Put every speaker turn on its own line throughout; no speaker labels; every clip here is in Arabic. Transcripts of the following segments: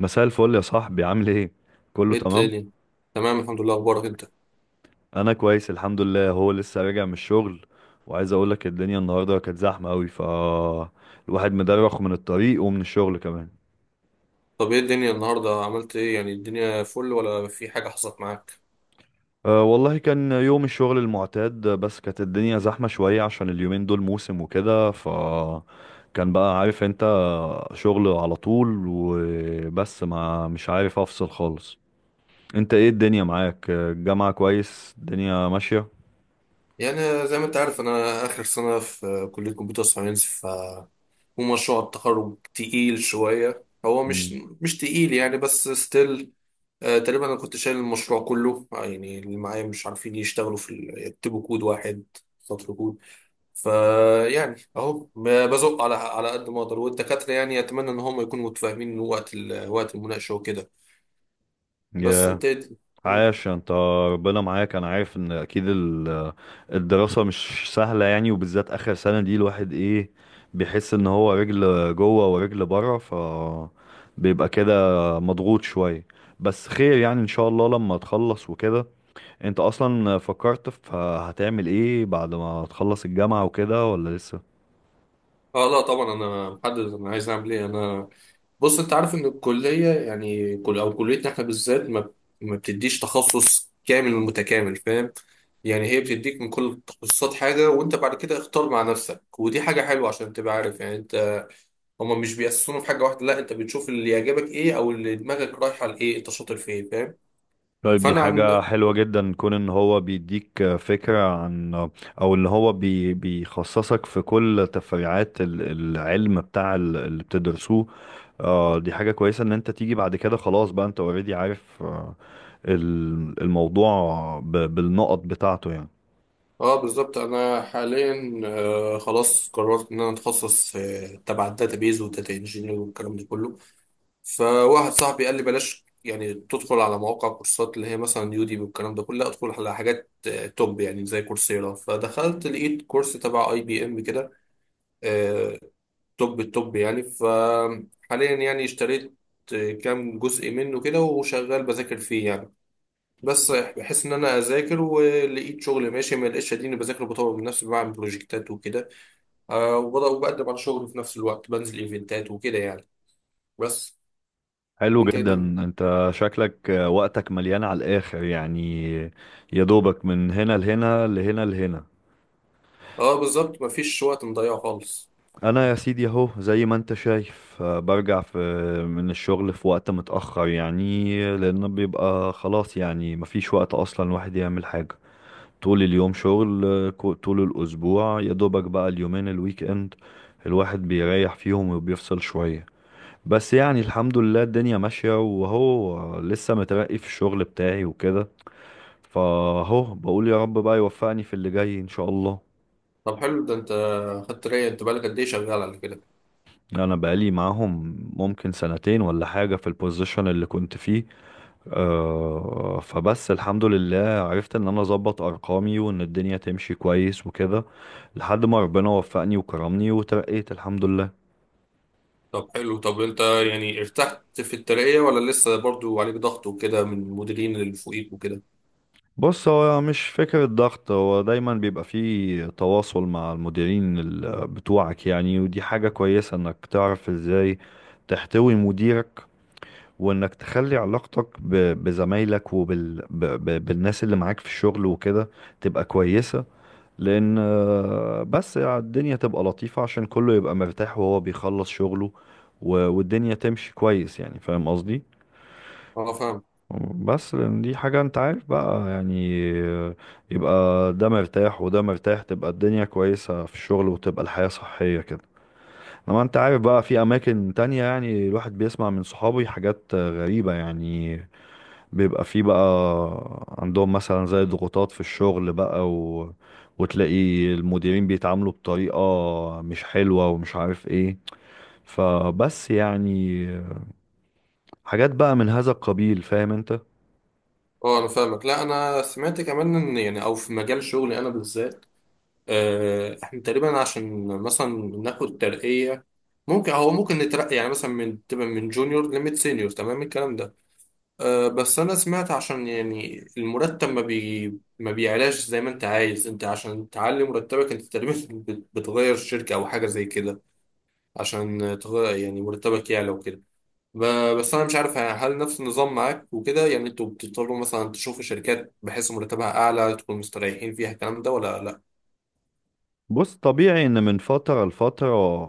مساء الفل يا صاحبي، عامل ايه؟ كله
ايه
تمام.
التاني. تمام الحمد لله، اخبارك انت؟
انا كويس الحمد لله. هو لسه راجع من الشغل، وعايز اقول لك الدنيا النهارده كانت زحمه قوي. الواحد مدرخ من الطريق ومن الشغل كمان.
طب ايه الدنيا النهارده عملت ايه، يعني الدنيا فل ولا في حاجه حصلت معاك؟
أه والله كان يوم الشغل المعتاد، بس كانت الدنيا زحمه شويه عشان اليومين دول موسم وكده. كان بقى، عارف انت، شغل على طول وبس، ما مش عارف افصل خالص. انت ايه الدنيا معاك؟ الجامعه كويس؟ الدنيا ماشيه؟
يعني زي ما انت عارف انا اخر سنه في كليه كمبيوتر ساينس، ف ومشروع التخرج تقيل شويه. هو مش
مم.
مش تقيل يعني بس ستيل، تقريبا انا كنت شايل المشروع كله، يعني اللي معايا مش عارفين يشتغلوا يكتبوا كود واحد، سطر كود. فيعني اهو بزق على قد ما اقدر، والدكاتره يعني اتمنى ان هم يكونوا متفاهمين وقت المناقشه وكده. بس
ياه.
انت ايه؟ مم.
عاش انت، ربنا معاك. انا عارف ان اكيد الدراسة مش سهلة يعني، وبالذات اخر سنة دي الواحد ايه، بيحس ان هو رجل جوه ورجل بره. بيبقى كده مضغوط شوية. بس خير يعني ان شاء الله لما تخلص وكده. انت اصلا فكرت في هتعمل ايه بعد ما تخلص الجامعة وكده، ولا لسه؟
اه لا طبعا، انا محدد انا عايز اعمل ايه انا. بص، انت عارف ان الكليه يعني كل او كليتنا احنا بالذات ما بتديش تخصص كامل متكامل، فاهم؟ يعني هي بتديك من كل التخصصات حاجه، وانت بعد كده اختار مع نفسك، ودي حاجه حلوه عشان تبقى عارف يعني انت. هما مش بيأسسونا في حاجه واحده لا، انت بتشوف اللي يعجبك ايه او اللي دماغك رايحه لايه، انت شاطر في ايه، فاهم؟
طيب، دي
فانا
حاجة
عن.
حلوة جدا، كون ان هو بيديك فكرة عن، او ان هو بيخصصك في كل تفريعات العلم بتاع اللي بتدرسوه. آه، دي حاجة كويسة ان انت تيجي بعد كده، خلاص بقى انت اوريدي عارف آه الموضوع بالنقط بتاعته يعني.
اه بالظبط، انا حاليا خلاص قررت ان انا اتخصص في تبع الداتابيز والداتا انجينير والكلام ده كله. فواحد صاحبي قال لي بلاش يعني تدخل على مواقع كورسات اللي هي مثلا يوديمي والكلام ده كله، لا ادخل على حاجات توب يعني زي كورسيرا. فدخلت لقيت كورس تبع اي بي ام كده، آه، توب التوب يعني. فحاليا يعني اشتريت كام جزء منه كده وشغال بذاكر فيه يعني. بس بحس ان انا اذاكر ولقيت شغل ماشي، ما لقيتش اديني بذاكر وبطور من نفسي بعمل بروجكتات وكده. آه وبقدم على شغل في نفس الوقت، بنزل ايفنتات وكده يعني، بس.
حلو
انت ايه
جدا.
الدنيا؟
انت شكلك وقتك مليان على الاخر يعني، يا دوبك من هنا لهنا لهنا لهنا.
اه بالظبط، مفيش وقت مضيعه خالص.
انا يا سيدي اهو زي ما انت شايف، برجع في من الشغل في وقت متأخر، يعني لان بيبقى خلاص يعني مفيش وقت اصلا الواحد يعمل حاجة. طول اليوم شغل، طول الاسبوع، يا دوبك بقى اليومين الويك اند الواحد بيريح فيهم وبيفصل شوية. بس يعني الحمد لله الدنيا ماشية، وهو لسه مترقي في الشغل بتاعي وكده، فهو بقول يا رب بقى يوفقني في اللي جاي ان شاء الله.
طب حلو ده، انت خدت ترقية؟ انت بقالك قد ايه شغال على كده؟
انا بقالي معاهم ممكن سنتين ولا حاجة في البوزيشن اللي كنت فيه. أه فبس الحمد لله عرفت ان انا اظبط ارقامي وان الدنيا تمشي كويس وكده، لحد ما ربنا وفقني وكرمني وترقيت الحمد لله.
طب حلو، طب انت يعني ارتحت في الترقية ولا لسه برضو عليك ضغط وكده من المديرين اللي فوقيك وكده؟
بص، هو مش فكرة ضغط، هو دايما بيبقى فيه تواصل مع المديرين بتوعك يعني، ودي حاجة كويسة انك تعرف ازاي تحتوي مديرك، وانك تخلي علاقتك بزمايلك بالناس اللي معاك في الشغل وكده، تبقى كويسة. لان بس الدنيا تبقى لطيفة عشان كله يبقى مرتاح وهو بيخلص شغله، والدنيا تمشي كويس يعني، فاهم قصدي؟
اه فاهم.
بس لان دي حاجة انت عارف بقى يعني، يبقى ده مرتاح وده مرتاح، تبقى الدنيا كويسة في الشغل، وتبقى الحياة صحية كده. لما انت عارف بقى في اماكن تانية، يعني الواحد بيسمع من صحابي حاجات غريبة يعني، بيبقى فيه بقى عندهم مثلا زي ضغوطات في الشغل بقى، وتلاقي المديرين بيتعاملوا بطريقة مش حلوة، ومش عارف ايه، فبس يعني، حاجات بقى من هذا القبيل، فاهم انت.
اه انا فاهمك، لا انا سمعت كمان ان يعني او في مجال شغلي انا بالذات، احنا تقريبا عشان مثلا ناخد ترقية ممكن، هو ممكن نترقي يعني مثلا من تبقى من جونيور لميد سينيور، تمام الكلام ده. أه بس انا سمعت عشان يعني المرتب ما بيعلاش زي ما انت عايز، انت عشان تعلي مرتبك انت تقريبا بتغير شركة او حاجة زي كده، عشان تغير يعني مرتبك يعلى وكده. بس انا مش عارف هل نفس النظام معاك وكده؟ يعني انتوا بتضطروا مثلا تشوفوا شركات بحيث مرتبها اعلى تكونوا مستريحين فيها الكلام ده ولا لا؟
بص، طبيعي ان من فترة لفترة،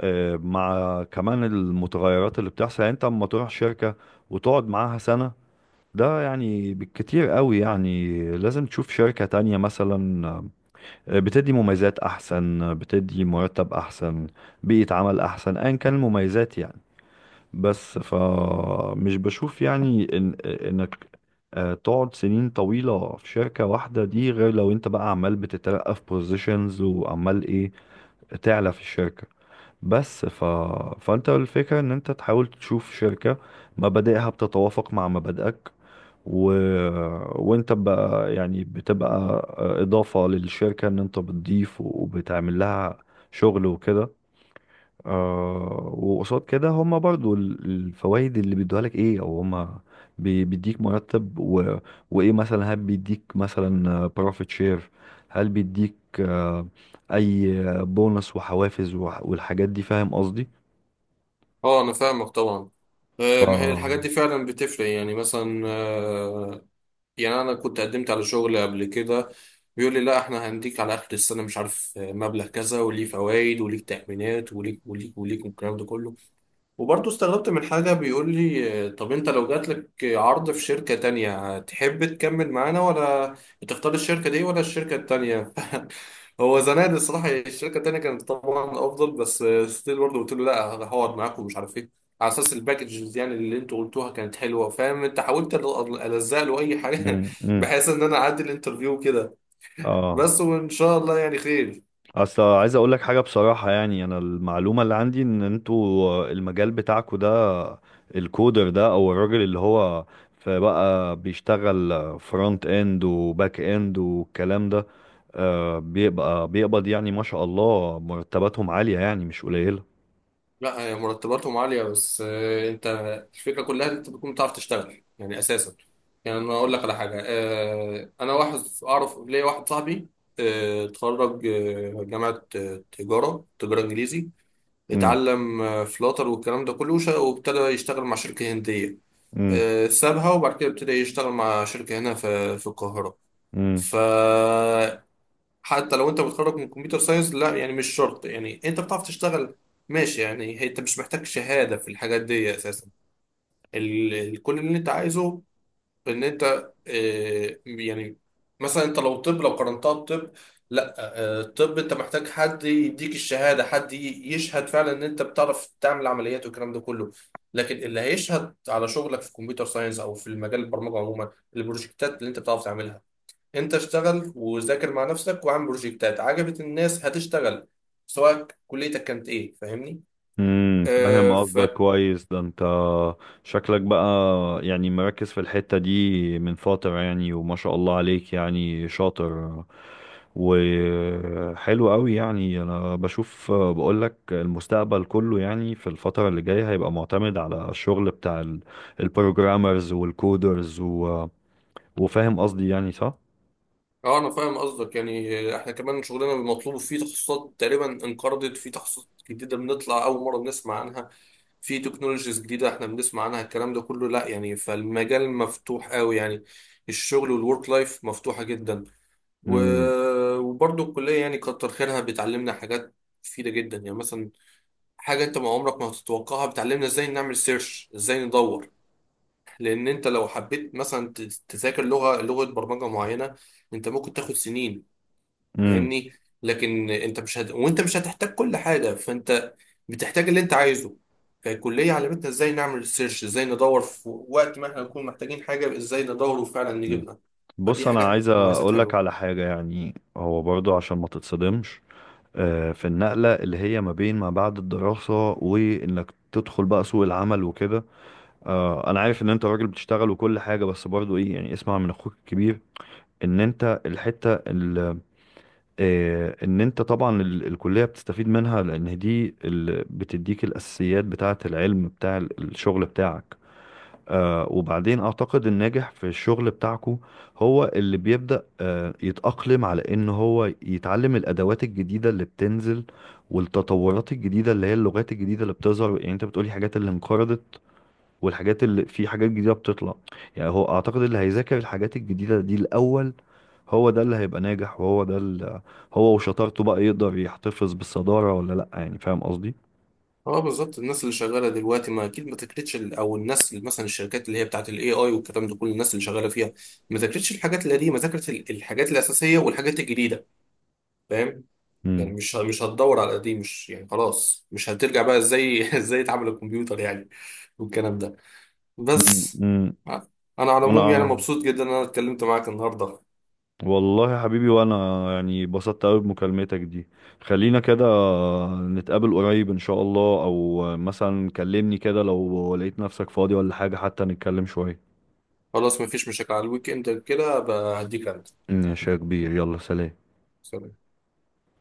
مع كمان المتغيرات اللي بتحصل، يعني انت اما تروح شركة وتقعد معاها سنة، ده يعني بالكتير قوي، يعني لازم تشوف شركة تانية مثلا، بتدي مميزات احسن، بتدي مرتب احسن، بيئة عمل احسن، ايا كان المميزات يعني. بس فمش بشوف يعني إن انك تقعد سنين طويلة في شركة واحدة، دي غير لو انت بقى عمال بتترقى في بوزيشنز وعمال ايه، تعلى في الشركة. بس فانت الفكرة ان انت تحاول تشوف شركة مبادئها بتتوافق مع مبادئك، و... وانت بقى يعني بتبقى اضافة للشركة، ان انت بتضيف وبتعمل لها شغل وكده. آه، وقصاد كده هما برضو الفوائد اللي بيدوها لك ايه، او هما بيديك مرتب، وايه مثلا هل بيديك مثلا بروفيت شير، هل بيديك آه اي بونص وحوافز والحاجات دي، فاهم قصدي؟
اه انا فاهمك طبعا.
ف
ما هي الحاجات دي فعلا بتفرق، يعني مثلا يعني انا كنت قدمت على شغل قبل كده، بيقول لي لا احنا هنديك على اخر السنه مش عارف مبلغ كذا وليه فوائد وليك تأمينات وليك وليك وليك والكلام ده كله. وبرضه استغربت من حاجة، بيقول لي طب انت لو جاتلك عرض في شركة تانية تحب تكمل معانا ولا تختار الشركة دي ولا الشركة التانية؟ هو زمان الصراحة الشركة التانية كانت طبعا أفضل، بس ستيل برضه قلت له لا هحاول معاكم، ومش عارف ايه، على أساس الباكجز يعني اللي انتوا قلتوها كانت حلوة، فاهم انت؟ حاولت ألزق له أي حاجة
مم، مم.
بحيث إن أنا أعدي الانترفيو كده.
اه.
بس وإن شاء الله يعني خير.
اصل عايز اقول لك حاجه بصراحه، يعني انا المعلومه اللي عندي ان انتوا المجال بتاعكوا ده، الكودر ده او الراجل اللي هو فبقى بيشتغل فرونت اند وباك اند والكلام ده، بيبقى بيقبض، يعني ما شاء الله مرتباتهم عاليه، يعني مش قليله.
لا هي مرتباتهم عالية، بس انت الفكرة كلها ان انت بتكون بتعرف تشتغل يعني اساسا. يعني انا اقول لك على حاجة، انا واحد اعرف ليا واحد صاحبي، اتخرج جامعة تجارة انجليزي،
امم،
اتعلم فلاتر والكلام ده كله، وابتدى يشتغل مع شركة هندية. سابها وبعد كده ابتدى يشتغل مع شركة هنا في القاهرة.
امم.
ف حتى لو انت متخرج من كمبيوتر ساينس لا، يعني مش شرط، يعني انت بتعرف تشتغل ماشي يعني. انت مش محتاج شهادة في الحاجات دي اساسا. كل اللي انت عايزه ان انت اه، يعني مثلا انت لو طب لو قارنتها بطب لا، اه الطب انت محتاج حد يديك الشهادة، حد يشهد فعلا ان انت بتعرف تعمل عمليات والكلام ده كله. لكن اللي هيشهد على شغلك في كمبيوتر ساينس او في المجال البرمجة عموما البروجكتات اللي انت بتعرف تعملها. انت اشتغل وذاكر مع نفسك واعمل بروجكتات عجبت الناس هتشتغل، سواء كليتك كانت ايه، فاهمني؟
امم، فاهم
اه ف.
قصدك كويس ده انت، شكلك بقى يعني مركز في الحتة دي من فترة يعني، وما شاء الله عليك يعني شاطر وحلو قوي. يعني انا بشوف بقولك المستقبل كله، يعني في الفترة اللي جاية هيبقى معتمد على الشغل بتاع البروجرامرز والكودرز، وفاهم قصدي يعني صح؟
اه انا فاهم قصدك يعني، احنا كمان شغلنا مطلوب فيه تخصصات تقريبا انقرضت، في تخصصات جديده بنطلع اول مره بنسمع عنها، في تكنولوجيز جديده احنا بنسمع عنها الكلام ده كله لا يعني، فالمجال مفتوح قوي يعني، الشغل والورك لايف مفتوحه جدا و...
امم،
وبرضه الكليه يعني كتر خيرها بتعلمنا حاجات مفيده جدا يعني، مثلا حاجة انت ما عمرك ما هتتوقعها، بتعلمنا ازاي نعمل سيرش، ازاي ندور، لان انت لو حبيت مثلا تذاكر لغة برمجة معينة، انت ممكن تاخد سنين،
امم.
فاهمني؟ لكن انت مش هت... وانت مش هتحتاج كل حاجة، فانت بتحتاج اللي انت عايزه. فالكلية علمتنا ازاي نعمل سيرش، ازاي ندور في وقت ما احنا نكون محتاجين حاجة، ازاي ندور وفعلا نجيبها،
بص،
فدي
انا
حاجات
عايز
مميزات
اقولك على
حلوة.
حاجة، يعني هو برضو عشان ما تتصدمش في النقلة اللي هي ما بين ما بعد الدراسة وإنك تدخل بقى سوق العمل وكده، أنا عارف إن أنت راجل بتشتغل وكل حاجة، بس برضو إيه يعني، اسمع من أخوك الكبير. إن أنت الحتة ال- إن أنت طبعا الكلية بتستفيد منها، لأن دي اللي بتديك الأساسيات بتاعة العلم بتاع الشغل بتاعك. آه، وبعدين اعتقد الناجح في الشغل بتاعكو هو اللي بيبدأ يتأقلم على ان هو يتعلم الادوات الجديدة اللي بتنزل، والتطورات الجديدة اللي هي اللغات الجديدة اللي بتظهر، يعني انت بتقولي حاجات اللي انقرضت، والحاجات اللي في حاجات جديدة بتطلع. يعني هو اعتقد اللي هيذاكر الحاجات الجديدة دي الاول، هو ده اللي هيبقى ناجح، وهو ده اللي هو وشطارته بقى يقدر يحتفظ بالصدارة ولا لا، يعني فاهم قصدي؟
اه بالظبط، الناس اللي شغاله دلوقتي ما اكيد ما تكرتش او الناس اللي مثلا الشركات اللي هي بتاعت الاي اي والكلام ده كل الناس اللي شغاله فيها ما ذاكرتش الحاجات القديمه، ذاكرت الحاجات الاساسيه والحاجات الجديده، فاهم؟ يعني
امم،
مش هتدور على القديم، مش يعني خلاص مش هترجع بقى ازاي ازاي اتعامل الكمبيوتر يعني والكلام ده،
امم،
بس. ع- انا على
انا
العموم يعني مبسوط جدا ان انا اتكلمت معاك النهارده.
والله يا حبيبي، وانا يعني اتبسطت قوي بمكالمتك دي. خلينا كده نتقابل قريب ان شاء الله، او مثلا كلمني كده لو لقيت نفسك فاضي ولا حاجة حتى نتكلم شوية.
خلاص ما فيش مشاكل، على الويك اند كده بقى هديك انت.
ماشي يا كبير، يلا سلام.
سلام.